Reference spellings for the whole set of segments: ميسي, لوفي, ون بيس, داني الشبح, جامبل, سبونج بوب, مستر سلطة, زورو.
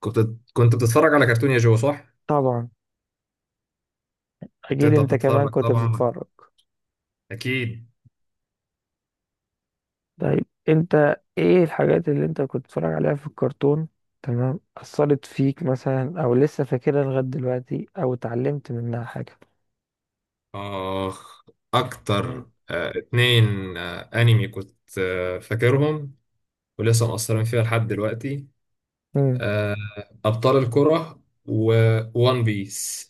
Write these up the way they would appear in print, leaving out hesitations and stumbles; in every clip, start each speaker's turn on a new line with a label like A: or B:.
A: كنت كنت بتتفرج على كرتون يا جو صح؟
B: طبعا.
A: كنت
B: اكيد
A: انت
B: انت كمان
A: بتتفرج
B: كنت
A: طبعا،
B: بتتفرج.
A: اكيد.
B: طيب، انت ايه الحاجات اللي انت كنت بتتفرج عليها في الكرتون؟ تمام، اثرت فيك مثلا او لسه فاكرها لغايه دلوقتي او اتعلمت منها حاجه؟
A: اخ،
B: مم.
A: اكتر اتنين انمي كنت فاكرهم ولسه مأثرين فيها لحد دلوقتي.
B: مم.
A: آه، ابطال الكرة وون بيس.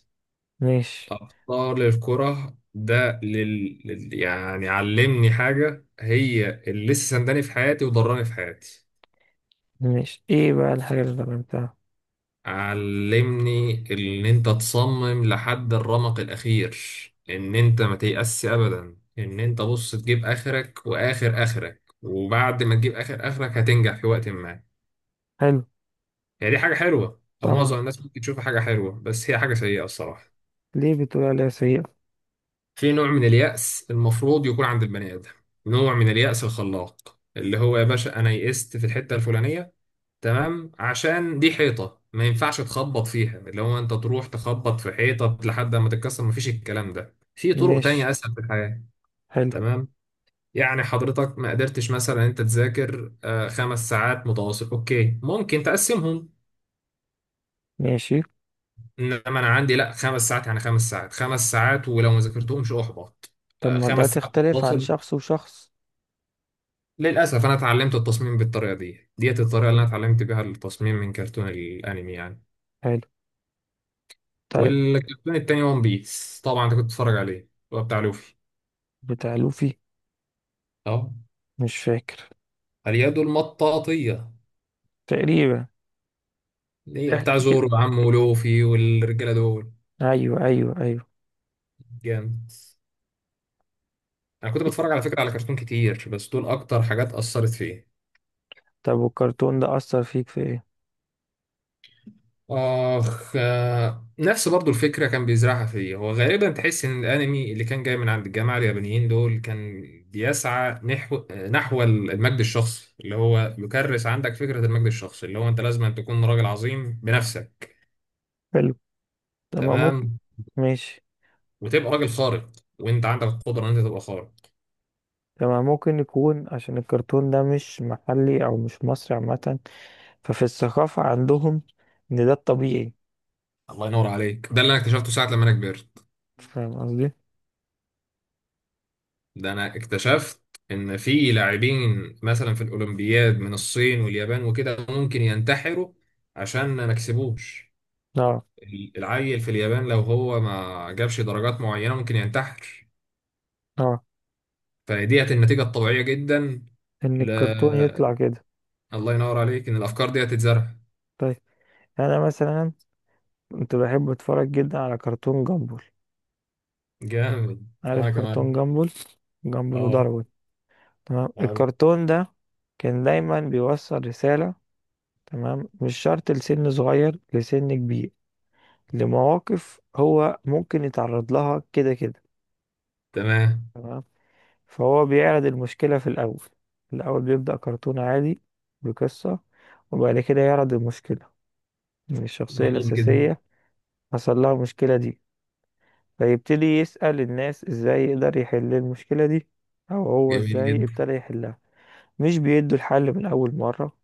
B: ماشي.
A: ابطال الكرة ده يعني علمني حاجة هي اللي لسه سنداني في حياتي وضراني في حياتي.
B: ماشي، ايه بقى الحاجه اللي اتعلمتها؟
A: علمني ان انت تصمم لحد الرمق الاخير، ان انت ما تيأس ابدا، ان انت بص تجيب اخرك واخر اخرك، وبعد ما تجيب اخر اخرك هتنجح في وقت ما.
B: حلو.
A: هي دي حاجة حلوة، او
B: طبعا،
A: معظم الناس ممكن تشوفها حاجة حلوة، بس هي حاجة سيئة الصراحة.
B: ليه بتقول عليها سيئه؟
A: في نوع من اليأس المفروض يكون عند البني ادم، نوع من اليأس الخلاق، اللي هو يا باشا انا يئست في الحتة الفلانية، تمام، عشان دي حيطة ما ينفعش تخبط فيها، اللي هو انت تروح تخبط في حيطة لحد ما تتكسر. ما فيش الكلام ده، في طرق
B: ماشي.
A: تانية اسهل في الحياة.
B: حلو.
A: تمام. يعني حضرتك ما قدرتش مثلا انت تذاكر 5 ساعات متواصل، اوكي ممكن تقسمهم.
B: ماشي.
A: انما انا عندي لا، 5 ساعات يعني 5 ساعات، ولو ما ذاكرتهمش احبط.
B: طب ما ده
A: خمس ساعات
B: تختلف عن
A: متواصل.
B: شخص وشخص؟
A: للاسف انا اتعلمت التصميم بالطريقة دي، ديت الطريقة اللي انا اتعلمت بيها التصميم من كرتون الانمي يعني.
B: حلو. طيب.
A: والكرتون التاني ون بيس، طبعا انت كنت بتتفرج عليه، هو بتاع لوفي.
B: بتاع لوفي.
A: اه،
B: مش فاكر.
A: اليد المطاطية،
B: تقريبا.
A: اللي هي بتاع
B: احكي كده.
A: زورو وعمه ولوفي والرجالة دول.
B: ايوه، ايوه، ايوه.
A: جامد. انا كنت بتفرج على فكرة على كرتون كتير، بس دول اكتر حاجات اثرت فيا.
B: طب والكرتون ده أثر فيك في ايه؟
A: اخ، نفس برضو الفكرة كان بيزرعها فيا، هو غالبا تحس ان الانمي اللي كان جاي من عند الجماعة اليابانيين دول كان بيسعى نحو، المجد الشخصي، اللي هو يكرس عندك فكرة المجد الشخصي، اللي هو انت لازم أن تكون راجل عظيم بنفسك.
B: حلو. تمام ممكن.
A: تمام،
B: ماشي.
A: وتبقى راجل خارق، وانت عندك القدره ان انت تبقى خارق.
B: تمام. ممكن يكون عشان الكرتون ده مش محلي أو مش مصري عامة، ففي الثقافة عندهم إن ده الطبيعي.
A: الله ينور عليك، ده اللي انا اكتشفته ساعه لما انا كبرت.
B: فاهم قصدي؟
A: ده انا اكتشفت ان في لاعبين مثلا في الاولمبياد من الصين واليابان وكده ممكن ينتحروا عشان ما كسبوش.
B: اه.
A: العيل في اليابان لو هو ما جابش درجات معينه ممكن ينتحر.
B: اه،
A: فديت النتيجه الطبيعيه جدا.
B: إن
A: ل...
B: الكرتون يطلع كده.
A: الله ينور عليك، ان الافكار ديت تتزرع.
B: طيب، أنا مثلا كنت بحب أتفرج جدا على كرتون جامبل.
A: جامد،
B: عارف
A: انا كمان.
B: كرتون جامبل؟ جامبل
A: اه.
B: وداروين. تمام،
A: تمام.
B: الكرتون ده كان دايما بيوصل رسالة. تمام، مش شرط لسن صغير، لسن كبير، لمواقف هو ممكن يتعرض لها كده كده.
A: تمام.
B: تمام. فهو بيعرض المشكلة في الأول. الأول بيبدأ كرتون عادي بقصة. وبعد كده يعرض المشكلة من الشخصية
A: يعني كده.
B: الأساسية. حصل لها المشكلة دي. فيبتدي يسأل الناس إزاي يقدر يحل المشكلة دي، أو هو
A: جميل
B: إزاي
A: جدا.
B: ابتدى يحلها. مش بيدوا الحل من أول مرة،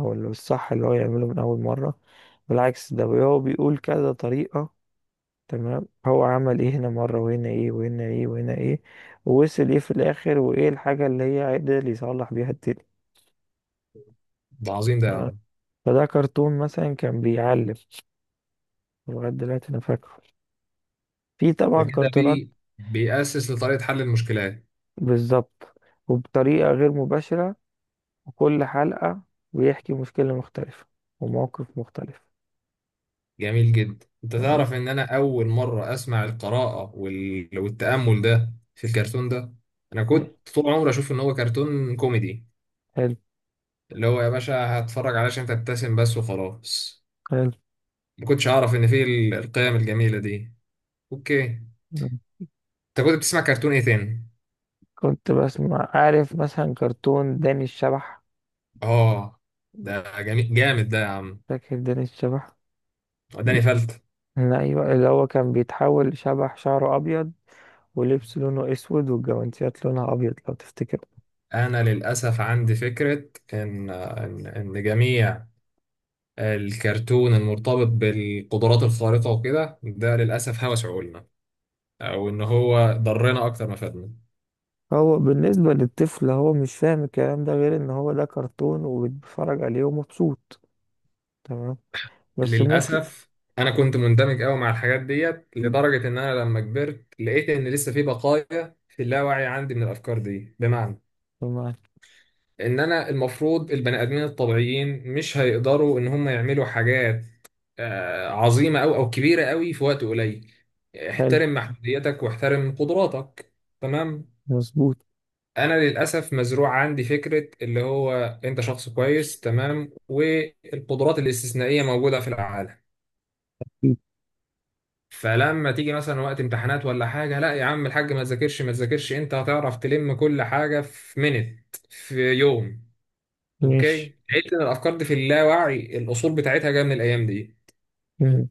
B: أو اللي الصح اللي هو يعمله من أول مرة. بالعكس، ده هو بيقول كذا طريقة. تمام، هو عمل ايه هنا مرة وهنا ايه وهنا ايه وهنا ايه، ووصل ايه في الاخر، وايه الحاجة اللي هي عدل يصلح بيها التاني.
A: ده عظيم ده يا
B: تمام.
A: عم.
B: فده كرتون مثلا كان بيعلم. لغاية دلوقتي انا فاكره. في
A: ده
B: طبعا
A: كده
B: كرتونات.
A: بيأسس لطريقة حل المشكلات.
B: بالظبط، وبطريقة غير مباشرة، وكل حلقة بيحكي مشكلة مختلفة وموقف مختلف.
A: جميل جدا، انت
B: تمام.
A: تعرف ان انا اول مرة اسمع القراءة والتأمل ده في الكرتون ده. انا
B: إيه،
A: كنت طول عمري اشوف ان هو كرتون كوميدي،
B: حلو.
A: اللي هو يا باشا هتفرج علشان تبتسم بس وخلاص.
B: حلو.
A: ما كنتش اعرف ان فيه القيم الجميلة دي. اوكي، انت كنت بتسمع كرتون ايه تاني؟
B: كنت بسمع، عارف، مثلا كرتون داني الشبح.
A: اه، ده جميل جامد ده يا عم،
B: فاكر داني الشبح؟
A: وداني فلت.
B: ايوه، اللي هو كان بيتحول شبح شعره ابيض ولبس لونه اسود والجوانتيات لونها ابيض، لو تفتكر.
A: انا للاسف عندي فكرة ان جميع الكرتون المرتبط بالقدرات الخارقة وكده ده للأسف هوس عقولنا، أو إن هو ضرنا أكتر ما فادنا.
B: هو بالنسبه للطفل هو مش فاهم الكلام ده غير ان هو ده كرتون وبيتفرج عليه ومبسوط. تمام. بس ممكن.
A: للأسف أنا كنت مندمج أوي مع الحاجات ديت، لدرجة إن أنا لما كبرت لقيت إن لسه في بقايا في اللاوعي عندي من الأفكار دي. بمعنى
B: تمام.
A: إن أنا المفروض البني آدمين الطبيعيين مش هيقدروا إن هم يعملوا حاجات عظيمة أو كبيرة أوي في وقت قليل.
B: حلو.
A: احترم محدوديتك واحترم قدراتك. تمام.
B: مظبوط.
A: انا للاسف مزروع عندي فكره، اللي هو انت شخص كويس تمام، والقدرات الاستثنائيه موجوده في العالم. فلما تيجي مثلا وقت امتحانات ولا حاجه، لا يا عم الحاج ما تذاكرش ما تذاكرش، انت هتعرف تلم كل حاجه في منت في يوم.
B: ماشي.
A: اوكي، لقيت ان الافكار دي في اللاوعي الاصول بتاعتها جايه من الايام دي.
B: مم.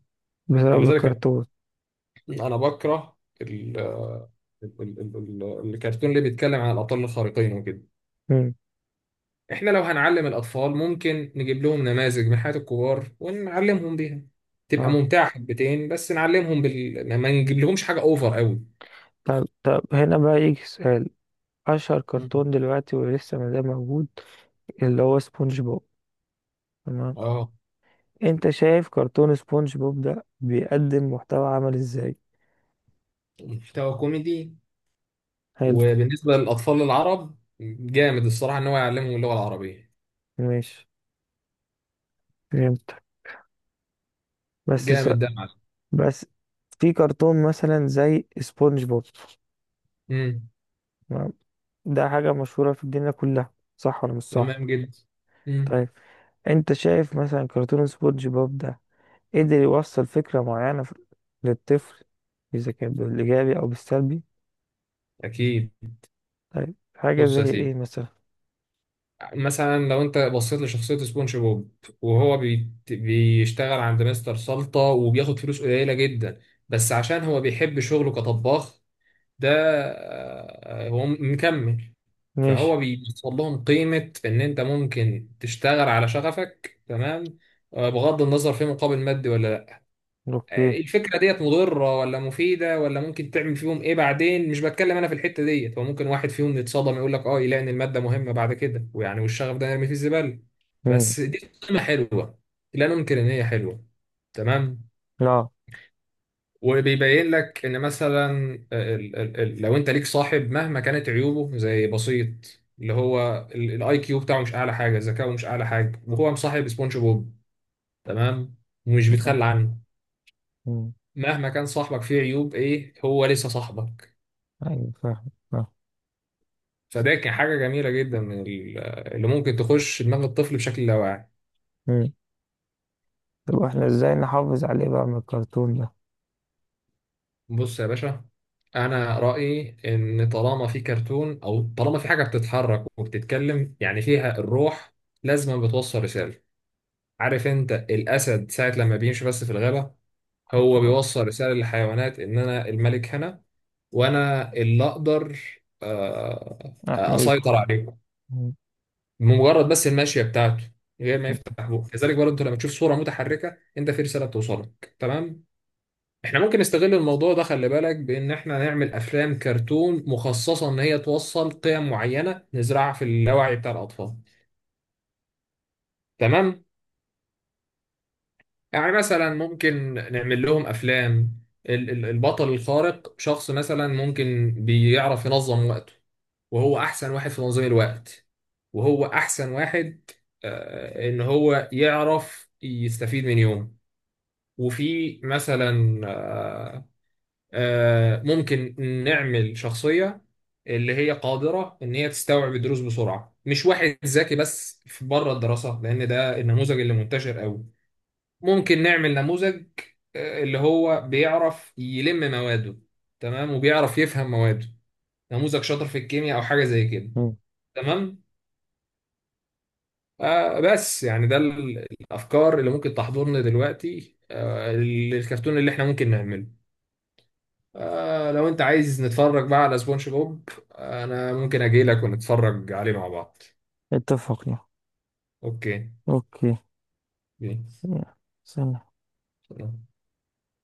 B: بسبب
A: فلذلك
B: الكرتون.
A: أنا بكره الكرتون اللي بيتكلم عن الابطال الخارقين وكده.
B: مم.
A: احنا لو هنعلم الاطفال ممكن نجيب لهم نماذج من حياة الكبار ونعلمهم بيها، تبقى
B: اه.
A: ممتعة حبتين، بس نعلمهم ما نجيب لهمش حاجة اوفر قوي.
B: طب، هنا بقى يجي سؤال. اشهر
A: مم.
B: كرتون دلوقتي ولسه ما زال موجود، اللي هو سبونج بوب. تمام.
A: اه.
B: انت شايف كرتون سبونج بوب ده بيقدم محتوى عمل ازاي؟
A: محتوى كوميدي.
B: حلو.
A: وبالنسبة للاطفال العرب جامد الصراحة ان هو يعلمهم اللغة العربية.
B: ماشي. فهمتك. بس س...
A: جامد ده يا معلم.
B: بس في كرتون مثلا زي سبونج بوب.
A: امم.
B: تمام؟ ده حاجة مشهورة في الدنيا كلها، صح ولا مش صح؟
A: تمام جدا. امم.
B: طيب، انت شايف مثلا كرتون سبونج بوب ده قدر يوصل فكرة معينة للطفل، اذا كان بالايجابي او بالسلبي؟
A: اكيد.
B: طيب، حاجة
A: بص يا
B: زي ايه
A: سيدي،
B: مثلا؟
A: مثلا لو انت بصيت لشخصية سبونج بوب، وهو بيشتغل عند مستر سلطة وبياخد فلوس قليلة جدا، بس عشان هو بيحب شغله كطباخ، ده هو مكمل.
B: ماشي.
A: فهو بيوصل لهم قيمة ان انت ممكن تشتغل على شغفك، تمام، بغض النظر في مقابل مادي ولا.
B: اوكي.
A: الفكرة ديت مضرة ولا مفيدة ولا ممكن تعمل فيهم ايه بعدين مش بتكلم انا في الحتة ديت، هو ممكن واحد فيهم يتصدم يقول لك اه، يلاقي ان المادة مهمة بعد كده ويعني والشغف ده نرمي فيه الزبالة،
B: مم.
A: بس دي قيمة حلوة. لا ننكر ان هي حلوة. تمام.
B: لا.
A: وبيبين لك ان مثلا لو انت ليك صاحب مهما كانت عيوبه زي بسيط، اللي هو الاي كيو بتاعه مش اعلى حاجة، ذكاؤه مش اعلى حاجة، وهو مصاحب سبونج بوب، تمام، ومش بيتخلى عنه.
B: مم.
A: مهما كان صاحبك فيه عيوب ايه هو لسه صاحبك.
B: ايوه، فاهم.
A: فده كان حاجة جميلة جدا من اللي ممكن تخش دماغ الطفل بشكل لا واعي.
B: فاهم. طب احنا ازاي نحافظ عليه بقى من الكرتون ده؟
A: بص يا باشا، انا رأيي ان طالما في كرتون، او طالما في حاجة بتتحرك وبتتكلم يعني فيها الروح، لازم بتوصل رسالة. عارف انت الاسد ساعة لما بيمشي بس في الغابة، هو
B: آه،
A: بيوصل رسالة للحيوانات ان انا الملك هنا، وانا اللي اقدر آه،
B: احميكوا.
A: اسيطر عليكم
B: م-
A: مجرد بس الماشيه بتاعته، من غير ما
B: م-
A: يفتح بقه. كذلك برضه انت لما تشوف صوره متحركه انت في رساله بتوصلك، تمام. احنا ممكن نستغل الموضوع ده، خلي بالك بان احنا نعمل افلام كرتون مخصصه ان هي توصل قيم معينه نزرعها في اللاوعي بتاع الاطفال. تمام. يعني مثلا ممكن نعمل لهم افلام، البطل الخارق شخص مثلا ممكن بيعرف ينظم وقته، وهو احسن واحد في تنظيم الوقت، وهو احسن واحد ان هو يعرف يستفيد من يوم. وفي مثلا ممكن نعمل شخصية اللي هي قادرة ان هي تستوعب الدروس بسرعة، مش واحد ذكي بس في بره الدراسة لان ده النموذج اللي منتشر قوي. ممكن نعمل نموذج اللي هو بيعرف يلم مواده، تمام، وبيعرف يفهم مواده، نموذج شاطر في الكيمياء او حاجة زي كده.
B: م.
A: تمام. بس يعني ده الافكار اللي ممكن تحضرنا دلوقتي، آه الكرتون اللي احنا ممكن نعمله. آه لو انت عايز نتفرج بقى على سبونج بوب، آه انا ممكن اجي لك ونتفرج عليه مع بعض.
B: اتفقنا.
A: اوكي.
B: اوكي. يلا، سلام
A: يلا.